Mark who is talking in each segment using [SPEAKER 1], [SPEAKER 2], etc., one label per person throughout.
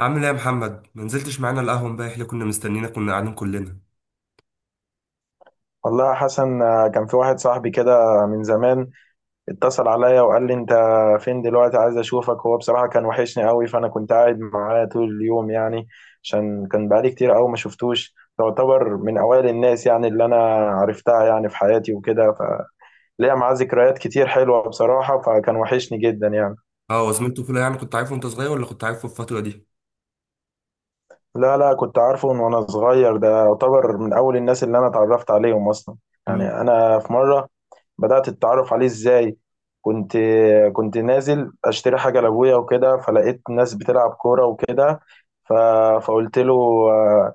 [SPEAKER 1] عامل ايه يا محمد؟ ما نزلتش معانا القهوه امبارح اللي كنا مستنينا؟ كنا قاعدين كلنا.
[SPEAKER 2] والله يا حسن، كان في واحد صاحبي كده من زمان اتصل عليا وقال لي: انت فين دلوقتي؟ عايز اشوفك. هو بصراحة كان وحشني قوي، فانا كنت قاعد معاه طول اليوم يعني. عشان كان بقالي كتير قوي ما شفتوش، تعتبر من اوائل الناس يعني اللي انا عرفتها يعني في حياتي وكده. فليا معاه ذكريات كتير حلوة بصراحة، فكان وحشني جدا يعني.
[SPEAKER 1] اه وزميلته فيلا يعني كنت عارفه وانت صغير ولا كنت عارفه في الفتره دي؟
[SPEAKER 2] لا لا، كنت عارفه من وانا صغير، ده يعتبر من اول الناس اللي انا اتعرفت عليهم اصلا.
[SPEAKER 1] امم.
[SPEAKER 2] يعني انا في مره بدات اتعرف عليه ازاي. كنت كنت نازل اشتري حاجه لابويا وكده، فلقيت ناس بتلعب كوره وكده. ف... فقلت له: آه،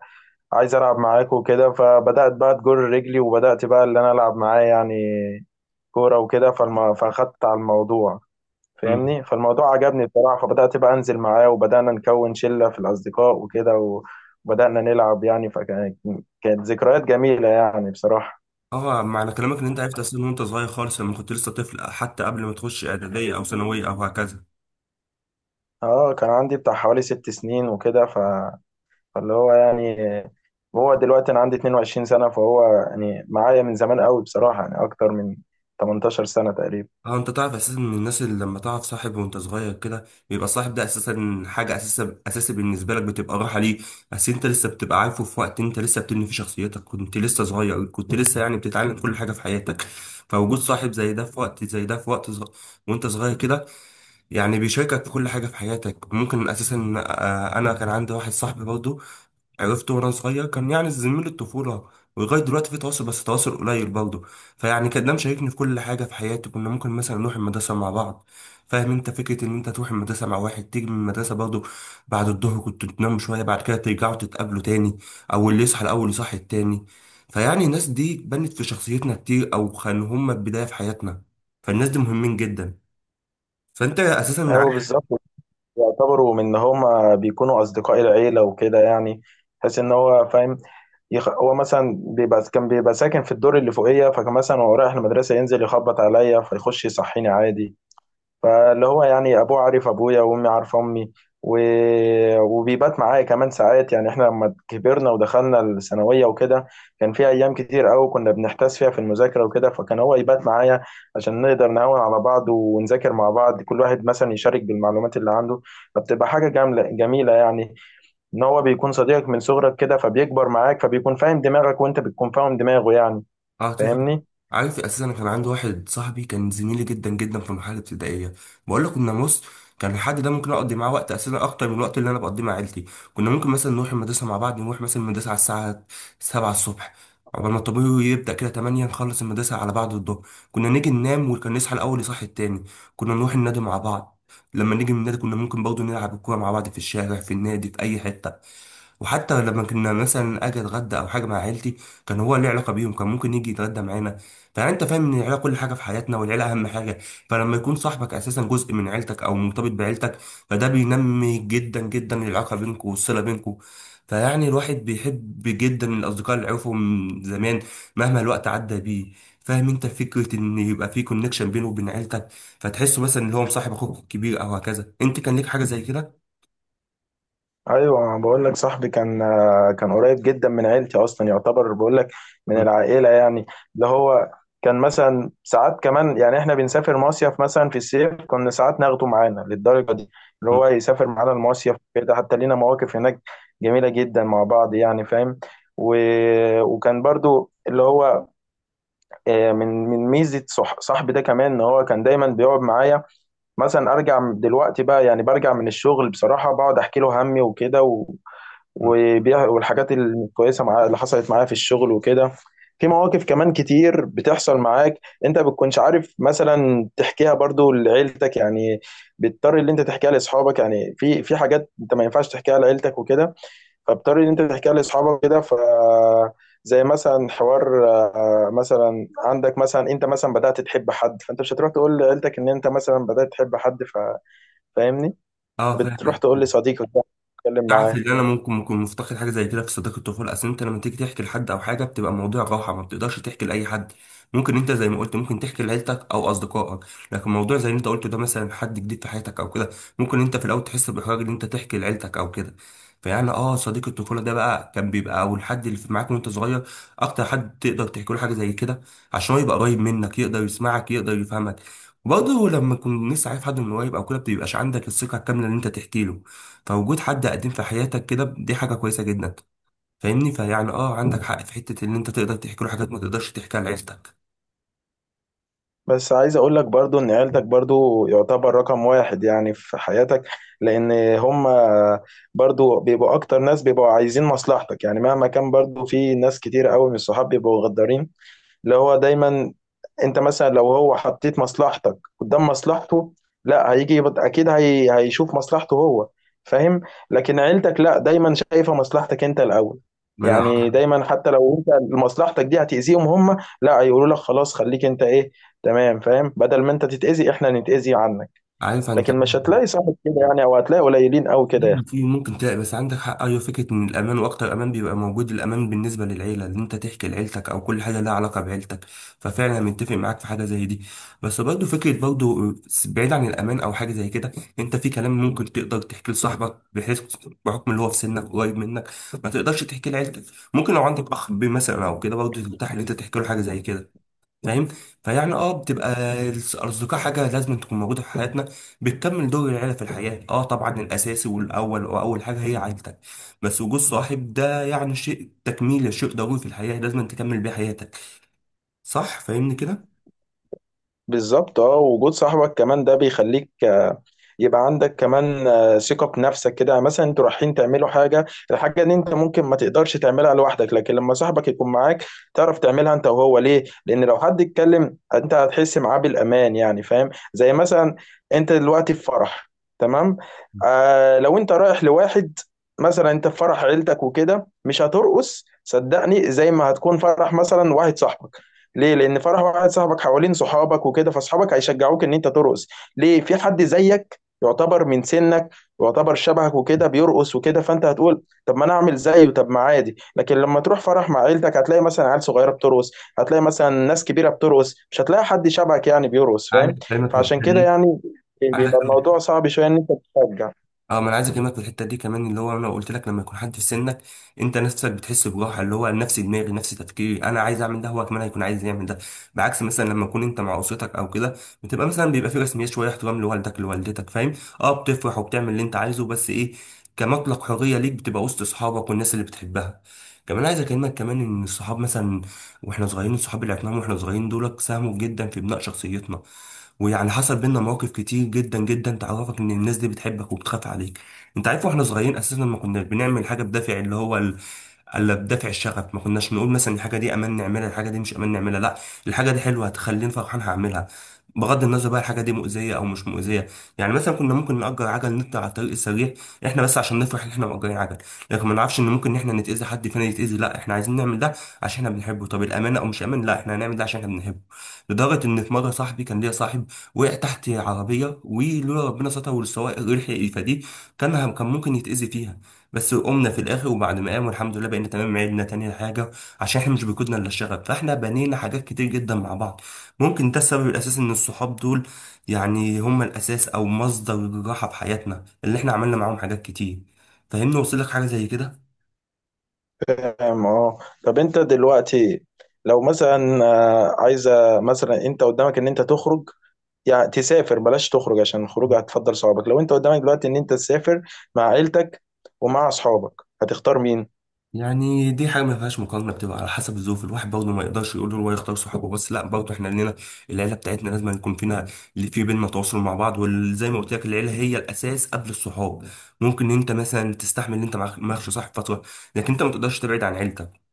[SPEAKER 2] عايز العب معاك وكده. فبدات بقى تجر رجلي وبدات بقى اللي انا العب معاه يعني كوره وكده. فاخدت على الموضوع،
[SPEAKER 1] أمم.
[SPEAKER 2] فاهمني، فالموضوع عجبني بصراحة. فبدأت بقى أنزل معاه وبدأنا نكون شلة في الأصدقاء وكده. وبدأنا نلعب يعني. فكانت ذكريات جميلة يعني بصراحة.
[SPEAKER 1] اه، معنى كلامك ان انت عرفت اصلا وانت صغير خالص، لما كنت لسه طفل، حتى قبل ما تخش اعداديه او ثانويه او هكذا.
[SPEAKER 2] اه، كان عندي بتاع حوالي 6 سنين وكده. فاللي هو يعني هو دلوقتي أنا عندي 22 سنة، فهو يعني معايا من زمان قوي بصراحة، يعني أكتر من 18 سنة تقريبا.
[SPEAKER 1] اه انت تعرف اساسا ان الناس اللي لما تعرف صاحب وانت صغير كده، بيبقى الصاحب ده اساسا حاجه اساسا اساسي بالنسبه لك، بتبقى راحه ليه. اصل انت لسه بتبقى عارفه في وقت انت لسه بتبني فيه شخصيتك، كنت لسه صغير، كنت لسه يعني بتتعلم كل حاجه في حياتك. فوجود صاحب زي ده في وقت زي ده في وقت وانت صغير كده، يعني بيشاركك في كل حاجه في حياتك ممكن اساسا. آه، انا كان عندي واحد صاحبي برضه عرفته وانا صغير، كان يعني زميل الطفوله، ولغايه دلوقتي في تواصل بس تواصل قليل برضه. فيعني كان ده مشاركني في كل حاجه في حياتي، كنا ممكن مثلا نروح المدرسه مع بعض. فاهم انت فكره ان انت تروح المدرسه مع واحد، تيجي من المدرسه برضه بعد الظهر، كنت تنام شويه، بعد كده ترجعوا تتقابلوا تاني، او اللي يصحى الاول يصحي التاني. فيعني الناس دي بنت في شخصيتنا كتير، او كانوا هم البدايه في حياتنا، فالناس دي مهمين جدا. فانت اساسا
[SPEAKER 2] أيوه بالظبط، يعتبروا من إن هما بيكونوا أصدقاء العيلة وكده يعني، تحس إن هو فاهم. هو مثلا بيبقى كان بيبقى ساكن في الدور اللي فوقيه، فكان مثلا وهو رايح المدرسه ينزل يخبط عليا فيخش يصحيني عادي. فاللي هو يعني ابوه عارف ابويا وامي عارفه امي و... وبيبات معايا كمان ساعات، يعني احنا لما كبرنا ودخلنا الثانويه وكده، كان في ايام كتير قوي كنا بنحتاس فيها في المذاكره وكده، فكان هو يبات معايا عشان نقدر نهون على بعض ونذاكر مع بعض، كل واحد مثلا يشارك بالمعلومات اللي عنده. فبتبقى حاجه جامله جميله يعني، ان هو بيكون صديقك من صغرك كده، فبيكبر معاك فبيكون فاهم دماغك وانت بتكون فاهم دماغه يعني،
[SPEAKER 1] اه اتفق.
[SPEAKER 2] فاهمني.
[SPEAKER 1] عارف اساسا أنا كان عندي واحد صاحبي كان زميلي جدا جدا في المرحله الابتدائيه، بقول لك كنا بص، كان الحد ده ممكن اقضي معاه وقت اساسا اكتر من الوقت اللي انا بقضيه مع عيلتي. كنا ممكن مثلا نروح المدرسه مع بعض، نروح مثلا المدرسه على الساعه 7 الصبح، عقبال ما الطابور يبدا كده 8، نخلص المدرسه على بعض الظهر، كنا نيجي ننام، وكان نصحى الاول يصحي التاني، كنا نروح النادي مع بعض، لما نيجي من النادي كنا ممكن برضه نلعب الكوره مع بعض في الشارع، في النادي، في اي حته. وحتى لما كنا مثلا اجي اتغدى او حاجه مع عيلتي، كان هو ليه علاقه بيهم، كان ممكن يجي يتغدى معانا. فانت فاهم ان العيله كل حاجه في حياتنا، والعيله اهم حاجه، فلما يكون صاحبك اساسا جزء من عيلتك او مرتبط بعيلتك، فده بينمي جدا جدا العلاقه بينكم والصله بينكم. فيعني الواحد بيحب جدا الاصدقاء اللي عرفهم من زمان، مهما الوقت عدى بيه. فاهم انت فكره ان يبقى في كونكشن بينه وبين عيلتك، فتحسه مثلا ان هو مصاحب اخوك الكبير او هكذا. انت كان ليك حاجه زي كده؟
[SPEAKER 2] ايوه، أنا بقول لك صاحبي كان، كان قريب جدا من عيلتي، اصلا يعتبر بقول لك من
[SPEAKER 1] م-
[SPEAKER 2] العائله يعني. اللي هو كان مثلا ساعات كمان، يعني احنا بنسافر مصيف مثلا في الصيف كنا ساعات ناخده معانا للدرجه دي، اللي
[SPEAKER 1] م-
[SPEAKER 2] هو يسافر معانا المصيف كده، حتى لينا مواقف هناك جميله جدا مع بعض يعني فاهم. و... وكان برضو اللي هو من ميزه صاحبي ده كمان، ان هو كان دايما بيقعد معايا مثلا. ارجع دلوقتي بقى يعني برجع من الشغل بصراحه، بقعد احكي له همي وكده.
[SPEAKER 1] م.
[SPEAKER 2] والحاجات الكويسه معايا اللي حصلت معايا في الشغل وكده. في مواقف كمان كتير بتحصل معاك، انت بتكونش عارف مثلا تحكيها برضو لعيلتك يعني، بتضطر اللي انت تحكيها لاصحابك يعني. في حاجات انت ما ينفعش تحكيها لعيلتك وكده، فاضطر ان انت تحكيها لاصحابك كده. ف زي مثلا حوار، مثلا عندك مثلا انت مثلا بدأت تحب حد، فانت مش هتروح تقول لعيلتك ان انت مثلا بدأت تحب حد. فاهمني.
[SPEAKER 1] اه فاهم.
[SPEAKER 2] فبتروح تقول لصديقك ده، تتكلم
[SPEAKER 1] تعرف
[SPEAKER 2] معاه.
[SPEAKER 1] ان انا ممكن اكون مفتقد حاجه زي كده في صداقه الطفوله. اصل انت لما تيجي تحكي لحد او حاجه، بتبقى موضوع راحه، ما بتقدرش تحكي لاي حد. ممكن انت زي ما قلت ممكن تحكي لعيلتك او اصدقائك، لكن موضوع زي اللي انت قلته ده، مثلا حد جديد في حياتك او كده، ممكن انت في الاول تحس باحراج ان انت تحكي لعيلتك او كده. فيعني اه صديق الطفوله ده بقى كان بيبقى او الحد اللي في معاك وانت صغير اكتر حد تقدر تحكي له حاجه زي كده، عشان هو يبقى قريب منك، يقدر يسمعك، يقدر يفهمك. وبرضه لما تكون لسه عارف حد من قريب او كده، ما بيبقاش عندك الثقه الكامله ان انت تحكي له، فوجود حد قديم في حياتك كده دي حاجة كويسة جدا. فاهمني؟ فيعني اه عندك حق في حتة ان انت تقدر تحكي له حاجات ما تقدرش تحكيها لعيلتك.
[SPEAKER 2] بس عايز اقول لك برضو ان عيلتك برضو يعتبر رقم واحد يعني في حياتك، لان هم برضو بيبقوا اكتر ناس بيبقوا عايزين مصلحتك يعني، مهما كان برضو في ناس كتير قوي من الصحاب بيبقوا غدارين. اللي هو دايما انت مثلا لو هو حطيت مصلحتك قدام مصلحته، لا اكيد هي هيشوف مصلحته هو، فاهم. لكن عيلتك لا، دايما شايفة مصلحتك انت الاول.
[SPEAKER 1] ما انا
[SPEAKER 2] يعني دايما حتى لو انت مصلحتك دي هتأذيهم هم، لا هيقولوا لك: خلاص خليك انت ايه، تمام، فاهم، بدل ما انت تتأذي احنا نتأذي عنك.
[SPEAKER 1] عارف انت،
[SPEAKER 2] لكن مش هتلاقي صاحب كده يعني، او هتلاقي قليلين قوي كده يا اخي.
[SPEAKER 1] في ممكن تلاقي، بس عندك حق. ايوه، فكره ان الامان واكتر امان بيبقى موجود، الامان بالنسبه للعيله، ان انت تحكي لعيلتك او كل حاجه لها علاقه بعيلتك، ففعلا انا متفق معاك في حاجه زي دي. بس برضه فكره برضه، بعيد عن الامان او حاجه زي كده، انت في كلام ممكن تقدر تحكي لصاحبك، بحيث بحكم اللي هو في سنك قريب منك ما تقدرش تحكي لعيلتك. ممكن لو عندك اخ بي مثلا او كده برضه ترتاح ان انت تحكي له حاجه زي كده، فاهم. فيعني اه بتبقى الاصدقاء حاجه لازم تكون موجوده في حياتنا، بتكمل دور العيله في الحياه. اه طبعا الاساسي والاول واول حاجه هي عيلتك، بس وجود صاحب ده يعني شيء تكميل، شيء ضروري في الحياه، لازم تكمل بيه حياتك. صح؟ فاهمني كده؟
[SPEAKER 2] بالظبط. اه، وجود صاحبك كمان ده بيخليك يبقى عندك كمان ثقة بنفسك كده، مثلا انتوا رايحين تعملوا حاجة، الحاجة ان انت ممكن ما تقدرش تعملها لوحدك لكن لما صاحبك يكون معاك تعرف تعملها انت وهو. ليه؟ لان لو حد اتكلم انت هتحس معاه بالامان يعني، فاهم؟ زي مثلا انت دلوقتي في فرح، تمام، آه لو انت رايح لواحد، مثلا انت في فرح عيلتك وكده مش هترقص، صدقني، زي ما هتكون فرح مثلا واحد صاحبك. ليه؟ لان فرح واحد صاحبك حوالين صحابك وكده، فاصحابك هيشجعوك ان انت ترقص. ليه؟ في حد زيك، يعتبر من سنك، يعتبر شبهك وكده بيرقص وكده، فانت هتقول: طب ما انا اعمل زيه، طب ما عادي. لكن لما تروح فرح مع عيلتك هتلاقي مثلا عيال صغيره بترقص، هتلاقي مثلا ناس كبيره بترقص، مش هتلاقي حد شبهك يعني بيرقص،
[SPEAKER 1] عايز
[SPEAKER 2] فاهم.
[SPEAKER 1] اكلمك في
[SPEAKER 2] فعشان
[SPEAKER 1] الحته
[SPEAKER 2] كده
[SPEAKER 1] دي.
[SPEAKER 2] يعني بيبقى الموضوع صعب شويه ان انت تشجع.
[SPEAKER 1] اه ما انا عايز اكلمك في الحته دي كمان، اللي هو انا قلت لك لما يكون حد في سنك، انت نفسك بتحس بجوحه، اللي هو نفس دماغي نفس تفكيري، انا عايز اعمل ده هو كمان هيكون عايز يعمل ده. بعكس مثلا لما تكون انت مع اسرتك او كده، بتبقى مثلا بيبقى في رسميات شويه، احترام لوالدك لوالدتك، فاهم. اه بتفرح وبتعمل اللي انت عايزه بس ايه، كمطلق حريه ليك بتبقى وسط اصحابك والناس اللي بتحبها. كمان عايز اكلمك كمان ان الصحاب مثلا واحنا صغيرين، الصحاب اللي عرفناهم واحنا صغيرين دول ساهموا جدا في بناء شخصيتنا. ويعني حصل بينا مواقف كتير جدا جدا تعرفك ان الناس دي بتحبك وبتخاف عليك. انت عارف واحنا صغيرين اساسا ما كناش بنعمل حاجه بدافع اللي هو الا بدافع الشغف. ما كناش نقول مثلا الحاجه دي امان نعملها، الحاجه دي مش امان نعملها، لا، الحاجه دي حلوه هتخليني فرحان هعملها، بغض النظر بقى الحاجه دي مؤذيه او مش مؤذيه. يعني مثلا كنا ممكن نأجر عجل نطلع على الطريق السريع، احنا بس عشان نفرح ان احنا مأجرين عجل، لكن ما نعرفش ان ممكن ان احنا نتأذي، حد فينا يتأذي. لا احنا عايزين نعمل ده عشان احنا بنحبه، طب الامانه او مش امان، لا احنا هنعمل ده عشان احنا بنحبه. لدرجه ان في مره صاحبي، كان ليا صاحب وقع تحت عربيه، ولولا ربنا ستر والسواق لحق يفاديه كان ممكن يتأذي فيها. بس قمنا في الاخر، وبعد ما قام والحمد لله بقينا تمام، عدنا تاني حاجه، عشان احنا مش بيكودنا الا الشغف. فاحنا بنينا حاجات كتير جدا مع بعض، ممكن ده السبب الاساسي ان الصحاب دول يعني هم الاساس او مصدر الراحه في حياتنا، اللي احنا عملنا معاهم حاجات كتير. فاهمني؟ وصل لك حاجه زي كده؟
[SPEAKER 2] فاهم، اه. طب انت دلوقتي لو مثلا عايزه، مثلا انت قدامك ان انت تخرج يعني تسافر، بلاش تخرج عشان الخروج هتفضل صحابك، لو انت قدامك دلوقتي ان انت تسافر مع عيلتك ومع اصحابك هتختار مين؟
[SPEAKER 1] يعني دي حاجه ما فيهاش مقارنه، بتبقى على حسب الظروف. الواحد برضه ما يقدرش يقول له هو يختار صحابه بس، لا برضه احنا لينا العيله بتاعتنا، لازم يكون فينا، في بينا تواصل مع بعض. وزي ما قلت لك العيله هي الاساس قبل الصحاب، ممكن انت مثلا تستحمل ان انت معكش صاحب فتره، لكن انت ما تقدرش تبعد عن عيلتك.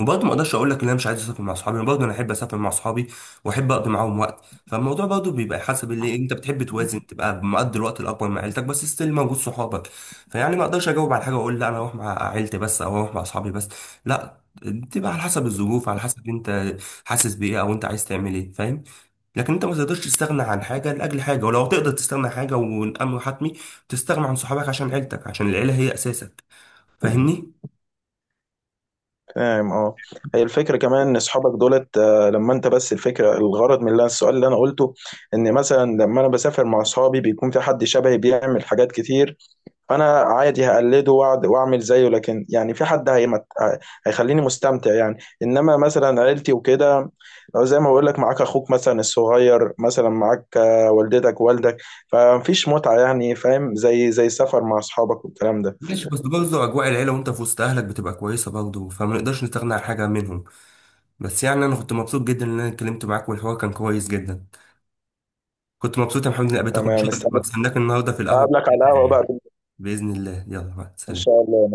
[SPEAKER 1] وبرضه ما اقدرش اقول لك ان انا مش عايز اسافر مع اصحابي، برضه انا احب اسافر مع اصحابي، واحب اقضي معاهم وقت. فالموضوع برضه بيبقى حسب اللي انت بتحب، توازن تبقى مقضي الوقت الاكبر مع عيلتك بس ستيل موجود صحابك. فيعني ما اقدرش اجاوب على حاجه واقول لا انا اروح مع عيلتي بس او اروح مع اصحابي بس، لا، بتبقى على حسب الظروف، على حسب انت حاسس بايه، او انت عايز تعمل ايه، فاهم. لكن انت ما تقدرش تستغنى عن حاجه لاجل حاجه، ولو تقدر تستغنى عن حاجه والامر حتمي، تستغنى عن صحابك عشان عيلتك، عشان العيله هي اساسك. فاهمني؟
[SPEAKER 2] فاهم، اه. هي الفكره كمان ان اصحابك دولت، لما انت بس الفكره، الغرض من السؤال اللي انا قلته، ان مثلا لما انا بسافر مع اصحابي بيكون في حد شبهي بيعمل حاجات كتير، فانا عادي هقلده واعمل زيه. لكن يعني في حد هيخليني مستمتع يعني، انما مثلا عيلتي وكده، لو زي ما بقول لك معاك اخوك مثلا الصغير مثلا معاك والدتك والدك، فمفيش متعة يعني فاهم، زي السفر مع اصحابك والكلام ده.
[SPEAKER 1] ماشي، بس برضه أجواء العيلة وأنت في وسط أهلك بتبقى كويسة برضه، فما نقدرش نستغنى عن حاجة منهم. بس يعني أنا كنت مبسوط جدا إن أنا اتكلمت معاك، والحوار كان كويس جدا. كنت مبسوط يا محمد إني قابلتك، وإن
[SPEAKER 2] تمام،
[SPEAKER 1] شاء الله
[SPEAKER 2] استنى
[SPEAKER 1] بستناك النهاردة في القهوة.
[SPEAKER 2] اقابلك على القهوة بقى،
[SPEAKER 1] بإذن الله، يلا مع
[SPEAKER 2] ان
[SPEAKER 1] السلامة.
[SPEAKER 2] شاء الله.